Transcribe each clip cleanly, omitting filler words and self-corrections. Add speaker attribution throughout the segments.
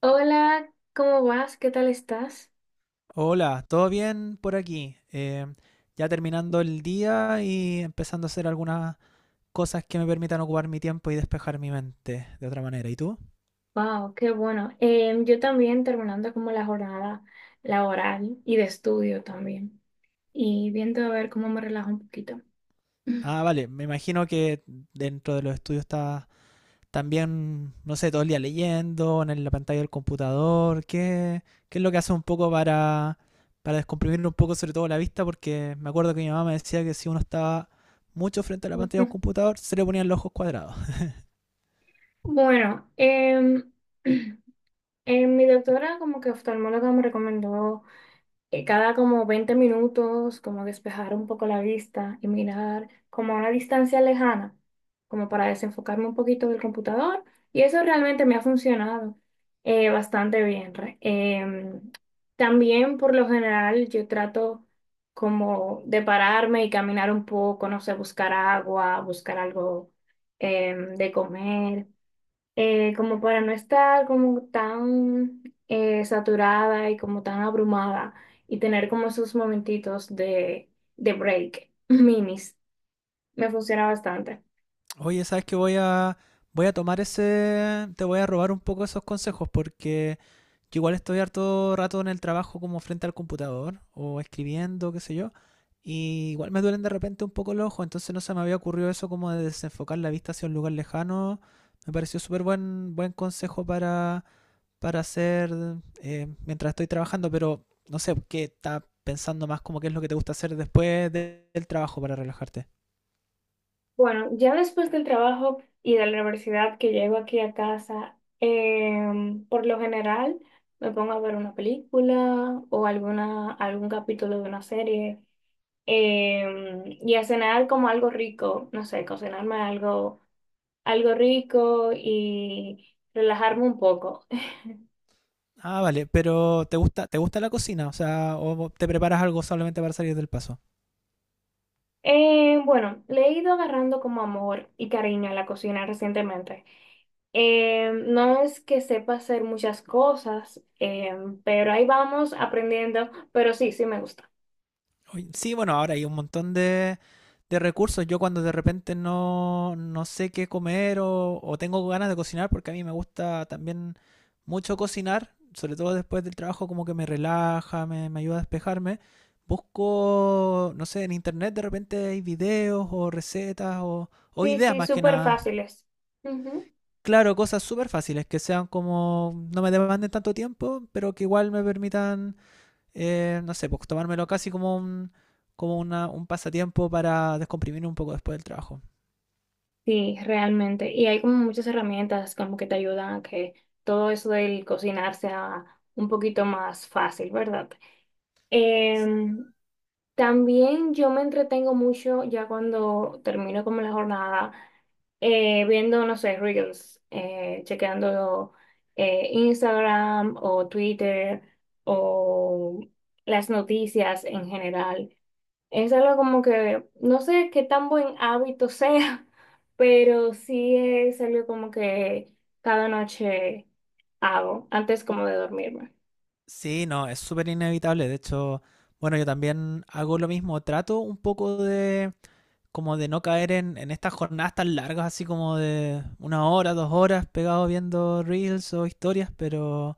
Speaker 1: Hola, ¿cómo vas? ¿Qué tal estás?
Speaker 2: Hola, ¿todo bien por aquí? Ya terminando el día y empezando a hacer algunas cosas que me permitan ocupar mi tiempo y despejar mi mente de otra manera. ¿Y tú?
Speaker 1: Wow, qué bueno. Yo también terminando como la jornada laboral y de estudio también. Y viendo a ver cómo me relajo un poquito.
Speaker 2: Ah, vale, me imagino que dentro de los estudios estás también, no sé, todo el día leyendo, en la pantalla del computador. ¿Qué es lo que hace un poco para descomprimir un poco, sobre todo la vista? Porque me acuerdo que mi mamá me decía que si uno estaba mucho frente a la pantalla de un computador, se le ponían los ojos cuadrados.
Speaker 1: Bueno, mi doctora como que oftalmóloga me recomendó que cada como 20 minutos como despejar un poco la vista y mirar como a una distancia lejana, como para desenfocarme un poquito del computador y eso realmente me ha funcionado bastante bien. También por lo general yo trato como de pararme y caminar un poco, no sé, buscar agua, buscar algo de comer, como para no estar como tan saturada y como tan abrumada y tener como esos momentitos de break, minis, me funciona bastante.
Speaker 2: Oye, ¿sabes que voy a tomar ese, te voy a robar un poco esos consejos? Porque yo igual estoy harto rato en el trabajo como frente al computador o escribiendo, qué sé yo, y igual me duelen de repente un poco los ojos, entonces no se me había ocurrido eso como de desenfocar la vista hacia un lugar lejano. Me pareció súper buen consejo para hacer mientras estoy trabajando, pero no sé, ¿qué estás pensando más como qué es lo que te gusta hacer después del trabajo para relajarte?
Speaker 1: Bueno, ya después del trabajo y de la universidad que llego aquí a casa, por lo general me pongo a ver una película o algún capítulo de una serie. Y a cenar como algo rico, no sé, cocinarme algo rico y relajarme un poco.
Speaker 2: Ah, vale, pero ¿te te gusta la cocina? O sea, ¿o te preparas algo solamente para salir del paso?
Speaker 1: Bueno, le he ido agarrando como amor y cariño a la cocina recientemente. No es que sepa hacer muchas cosas, pero ahí vamos aprendiendo, pero sí, sí me gusta.
Speaker 2: Oye, sí, bueno, ahora hay un montón de recursos. Yo cuando de repente no sé qué comer o tengo ganas de cocinar, porque a mí me gusta también mucho cocinar, sobre todo después del trabajo, como que me relaja, me ayuda a despejarme. Busco, no sé, en internet de repente hay videos o recetas o
Speaker 1: Sí,
Speaker 2: ideas
Speaker 1: sí,
Speaker 2: más que
Speaker 1: súper
Speaker 2: nada.
Speaker 1: fáciles. Ujú.
Speaker 2: Claro, cosas súper fáciles, que sean como, no me demanden tanto tiempo, pero que igual me permitan, no sé, pues tomármelo casi como como un pasatiempo para descomprimir un poco después del trabajo.
Speaker 1: Sí, realmente. Y hay como muchas herramientas como que te ayudan a que todo eso del cocinar sea un poquito más fácil, ¿verdad? Eh, También yo me entretengo mucho ya cuando termino como la jornada, viendo, no sé, Reels, chequeando Instagram o Twitter o las noticias en general. Es algo como que no sé qué tan buen hábito sea, pero sí es algo como que cada noche hago antes como de dormirme.
Speaker 2: Sí, no, es súper inevitable. De hecho, bueno, yo también hago lo mismo. Trato un poco como de no caer en estas jornadas tan largas, así como de una hora, dos horas pegado viendo reels o historias, pero...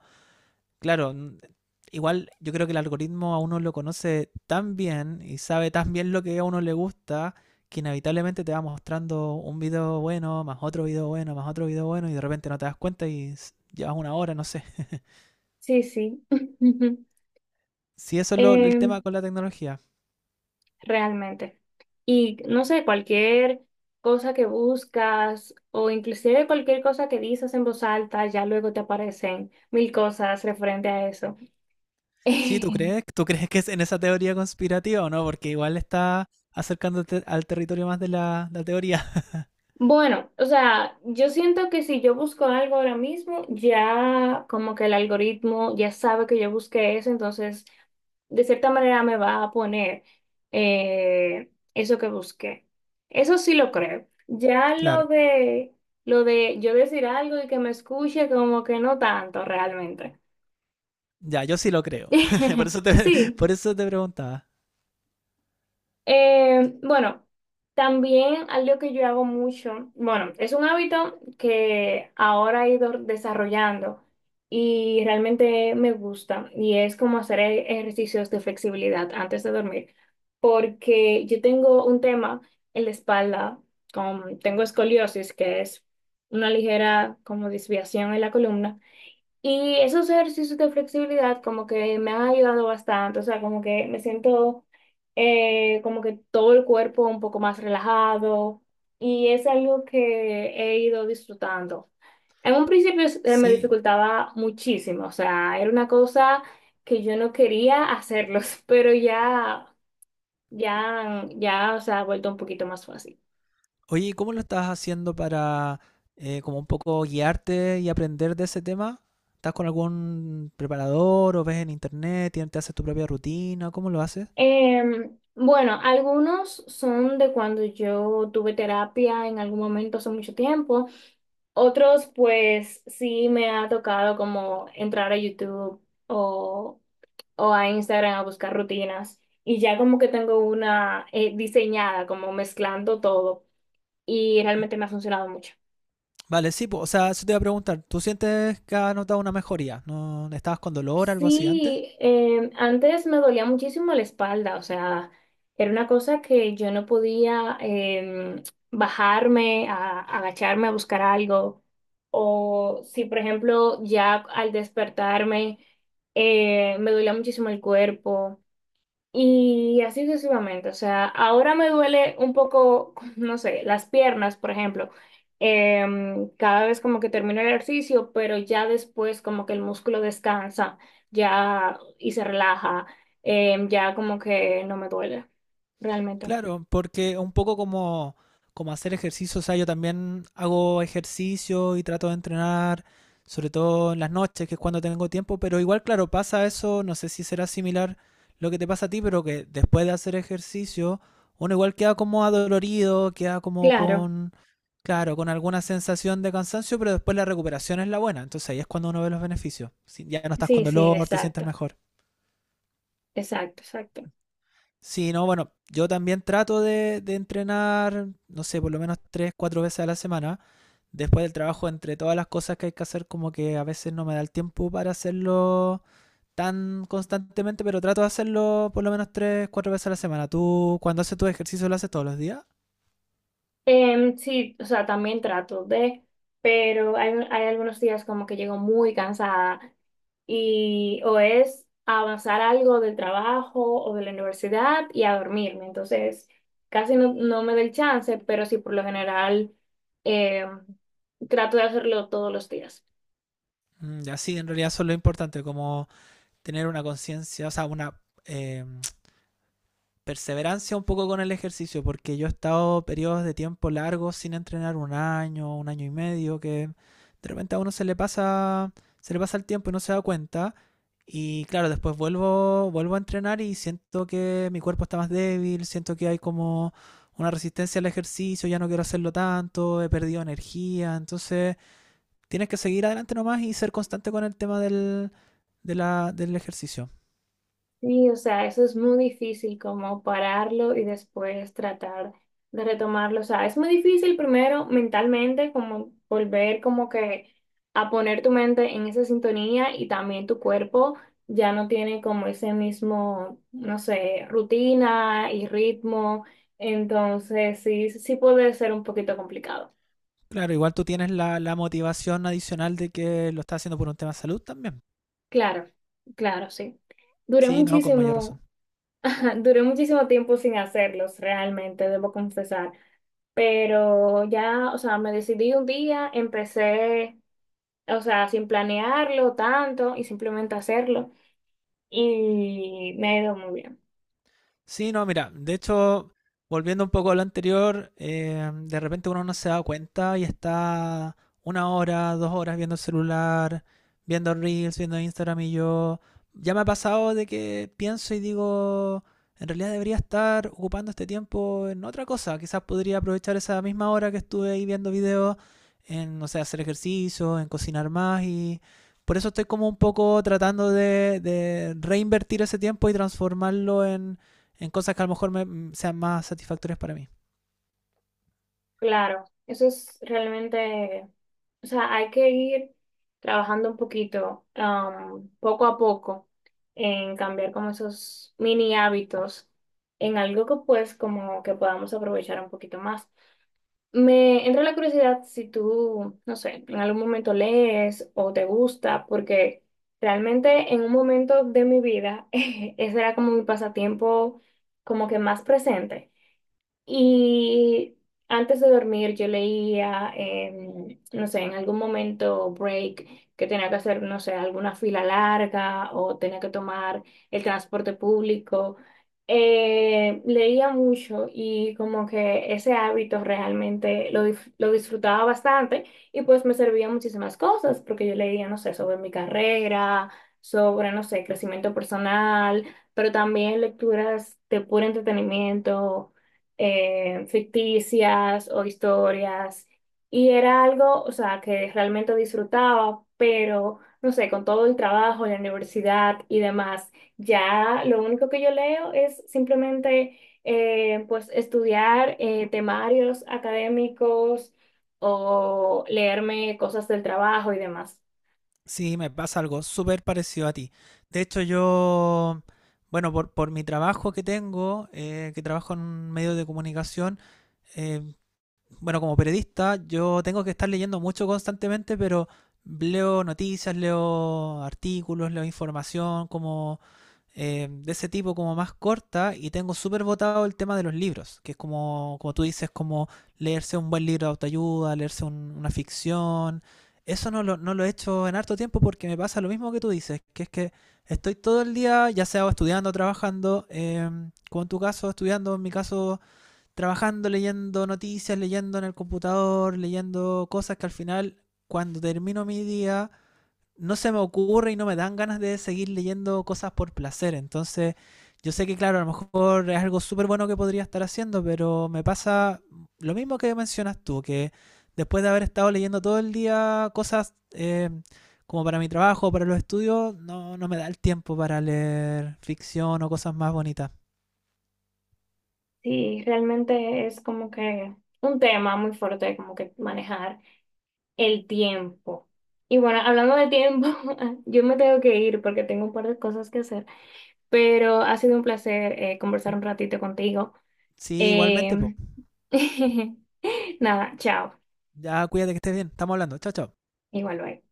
Speaker 2: Claro, igual yo creo que el algoritmo a uno lo conoce tan bien y sabe tan bien lo que a uno le gusta que inevitablemente te va mostrando un video bueno, más otro video bueno, más otro video bueno y de repente no te das cuenta y llevas una hora, no sé.
Speaker 1: Sí, sí.
Speaker 2: Si eso es el tema
Speaker 1: Em,
Speaker 2: con la tecnología.
Speaker 1: realmente. Y no sé, cualquier cosa que buscas o inclusive cualquier cosa que dices en voz alta, ya luego te aparecen mil cosas referente a eso.
Speaker 2: Sí, ¿tú crees? ¿Tú crees que es en esa teoría conspirativa o no? Porque igual está acercándote al territorio más de la teoría.
Speaker 1: Bueno, o sea, yo siento que si yo busco algo ahora mismo, ya como que el algoritmo ya sabe que yo busqué eso, entonces de cierta manera me va a poner eso que busqué. Eso sí lo creo. Ya lo
Speaker 2: Claro.
Speaker 1: de lo de yo decir algo y que me escuche, como que no tanto realmente.
Speaker 2: Ya, yo sí lo creo. Por eso
Speaker 1: Sí.
Speaker 2: por eso te preguntaba.
Speaker 1: Bueno, también algo que yo hago mucho, bueno, es un hábito que ahora he ido desarrollando y realmente me gusta y es como hacer ejercicios de flexibilidad antes de dormir, porque yo tengo un tema en la espalda, tengo escoliosis, que es una ligera como desviación en la columna. Y esos ejercicios de flexibilidad como que me han ayudado bastante, o sea, como que me siento como que todo el cuerpo un poco más relajado y es algo que he ido disfrutando. En un principio me
Speaker 2: Sí,
Speaker 1: dificultaba muchísimo, o sea, era una cosa que yo no quería hacerlos, pero ya, ya, ya, o sea, ha vuelto un poquito más fácil.
Speaker 2: oye, ¿y cómo lo estás haciendo para como un poco guiarte y aprender de ese tema? ¿Estás con algún preparador o ves en internet, te haces tu propia rutina? ¿Cómo lo haces?
Speaker 1: Bueno, algunos son de cuando yo tuve terapia en algún momento hace mucho tiempo. Otros, pues sí me ha tocado como entrar a YouTube o, o a Instagram a buscar rutinas y ya como que tengo una, diseñada, como mezclando todo y realmente me ha funcionado mucho.
Speaker 2: Vale, sí, pues, o sea, eso te iba a preguntar. ¿Tú sientes que has notado una mejoría? ¿No estabas con dolor, algo así antes?
Speaker 1: Sí, antes me dolía muchísimo la espalda, o sea, era una cosa que yo no podía, agacharme a buscar algo. O si, por ejemplo, ya al despertarme me dolía muchísimo el cuerpo. Y así sucesivamente, o sea, ahora me duele un poco, no sé, las piernas, por ejemplo, cada vez como que termino el ejercicio, pero ya después como que el músculo descansa, ya y se relaja, ya como que no me duele realmente.
Speaker 2: Claro, porque un poco como hacer ejercicio, o sea, yo también hago ejercicio y trato de entrenar, sobre todo en las noches, que es cuando tengo tiempo, pero igual, claro, pasa eso, no sé si será similar lo que te pasa a ti, pero que después de hacer ejercicio, uno igual queda como adolorido, queda como
Speaker 1: Claro,
Speaker 2: claro, con alguna sensación de cansancio, pero después la recuperación es la buena, entonces ahí es cuando uno ve los beneficios. Si ya no estás con
Speaker 1: sí, sí,
Speaker 2: dolor, te sientes
Speaker 1: exacto,
Speaker 2: mejor.
Speaker 1: exacto, exacto.
Speaker 2: Sí, no, bueno, yo también trato de entrenar, no sé, por lo menos tres, cuatro veces a la semana. Después del trabajo, entre todas las cosas que hay que hacer, como que a veces no me da el tiempo para hacerlo tan constantemente, pero trato de hacerlo por lo menos tres, cuatro veces a la semana. ¿Tú cuando haces tu ejercicio lo haces todos los días?
Speaker 1: Sí, o sea, también trato pero hay algunos días como que llego muy cansada y o es avanzar algo del trabajo o de la universidad y a dormirme. Entonces, casi no me da el chance, pero sí por lo general em, trato de hacerlo todos los días.
Speaker 2: Mm, ya sí, en realidad eso es lo importante, como tener una conciencia, o sea, una, eh, perseverancia un poco con el ejercicio, porque yo he estado periodos de tiempo largos sin entrenar un año y medio, que de repente a uno se le pasa el tiempo y no se da cuenta. Y claro, después vuelvo a entrenar y siento que mi cuerpo está más débil, siento que hay como una resistencia al ejercicio, ya no quiero hacerlo tanto, he perdido energía, entonces tienes que seguir adelante nomás y ser constante con el tema de del ejercicio.
Speaker 1: Sí, o sea, eso es muy difícil como pararlo y después tratar de retomarlo. O sea, es muy difícil primero mentalmente como volver como que a poner tu mente en esa sintonía y también tu cuerpo ya no tiene como ese mismo, no sé, rutina y ritmo. Entonces, sí, sí puede ser un poquito complicado.
Speaker 2: Claro, igual tú tienes la motivación adicional de que lo estás haciendo por un tema de salud también.
Speaker 1: Claro, claro, sí. Duré
Speaker 2: Sí, no, con mayor razón.
Speaker 1: muchísimo, duré muchísimo tiempo sin hacerlos, realmente, debo confesar. Pero ya, o sea, me decidí un día, empecé, o sea, sin planearlo tanto y simplemente hacerlo y me ha ido muy bien.
Speaker 2: Sí, no, mira, de hecho, volviendo un poco a lo anterior, de repente uno no se da cuenta y está una hora, dos horas viendo el celular, viendo Reels, viendo Instagram y yo. Ya me ha pasado de que pienso y digo, en realidad debería estar ocupando este tiempo en otra cosa. Quizás podría aprovechar esa misma hora que estuve ahí viendo videos en, no sé, hacer ejercicio, en cocinar más y por eso estoy como un poco tratando de reinvertir ese tiempo y transformarlo en cosas que a lo mejor me, sean más satisfactorias para mí.
Speaker 1: Claro, eso es realmente, o sea, hay que ir trabajando un poquito, poco a poco, en cambiar como esos mini hábitos en algo que pues como que podamos aprovechar un poquito más. Me entra la curiosidad si tú, no sé, en algún momento lees o te gusta, porque realmente en un momento de mi vida ese era como mi pasatiempo como que más presente. Y antes de dormir yo leía, no sé, en algún momento break que tenía que hacer, no sé, alguna fila larga o tenía que tomar el transporte público. Leía mucho y como que ese hábito realmente lo disfrutaba bastante y pues me servía muchísimas cosas porque yo leía, no sé, sobre mi carrera, sobre, no sé, crecimiento personal, pero también lecturas de puro entretenimiento, ficticias o historias. Y era algo, o sea, que realmente disfrutaba, pero no sé, con todo el trabajo, la universidad y demás, ya lo único que yo leo es simplemente, pues estudiar, temarios académicos o leerme cosas del trabajo y demás.
Speaker 2: Sí, me pasa algo súper parecido a ti. De hecho, yo, bueno, por mi trabajo que tengo, que trabajo en un medio de comunicación, eh, bueno, como periodista, yo tengo que estar leyendo mucho constantemente, pero leo noticias, leo artículos, leo información como de ese tipo, como más corta, y tengo súper votado el tema de los libros, que es como, como tú dices, como leerse un buen libro de autoayuda, leerse una ficción. Eso no no lo he hecho en harto tiempo porque me pasa lo mismo que tú dices, que es que estoy todo el día, ya sea o estudiando, trabajando, como en tu caso, estudiando, en mi caso trabajando, leyendo noticias, leyendo en el computador, leyendo cosas que al final, cuando termino mi día, no se me ocurre y no me dan ganas de seguir leyendo cosas por placer. Entonces, yo sé que, claro, a lo mejor es algo súper bueno que podría estar haciendo, pero me pasa lo mismo que mencionas tú, que después de haber estado leyendo todo el día cosas como para mi trabajo, para los estudios, no me da el tiempo para leer ficción o cosas más bonitas.
Speaker 1: Sí, realmente es como que un tema muy fuerte como que manejar el tiempo. Y bueno, hablando de tiempo, yo me tengo que ir porque tengo un par de cosas que hacer, pero ha sido un placer, conversar un ratito contigo.
Speaker 2: Sí, igualmente, pues.
Speaker 1: Eh, nada, chao.
Speaker 2: Ya, cuídate que estés bien. Estamos hablando. Chao, chao.
Speaker 1: Igual, bye.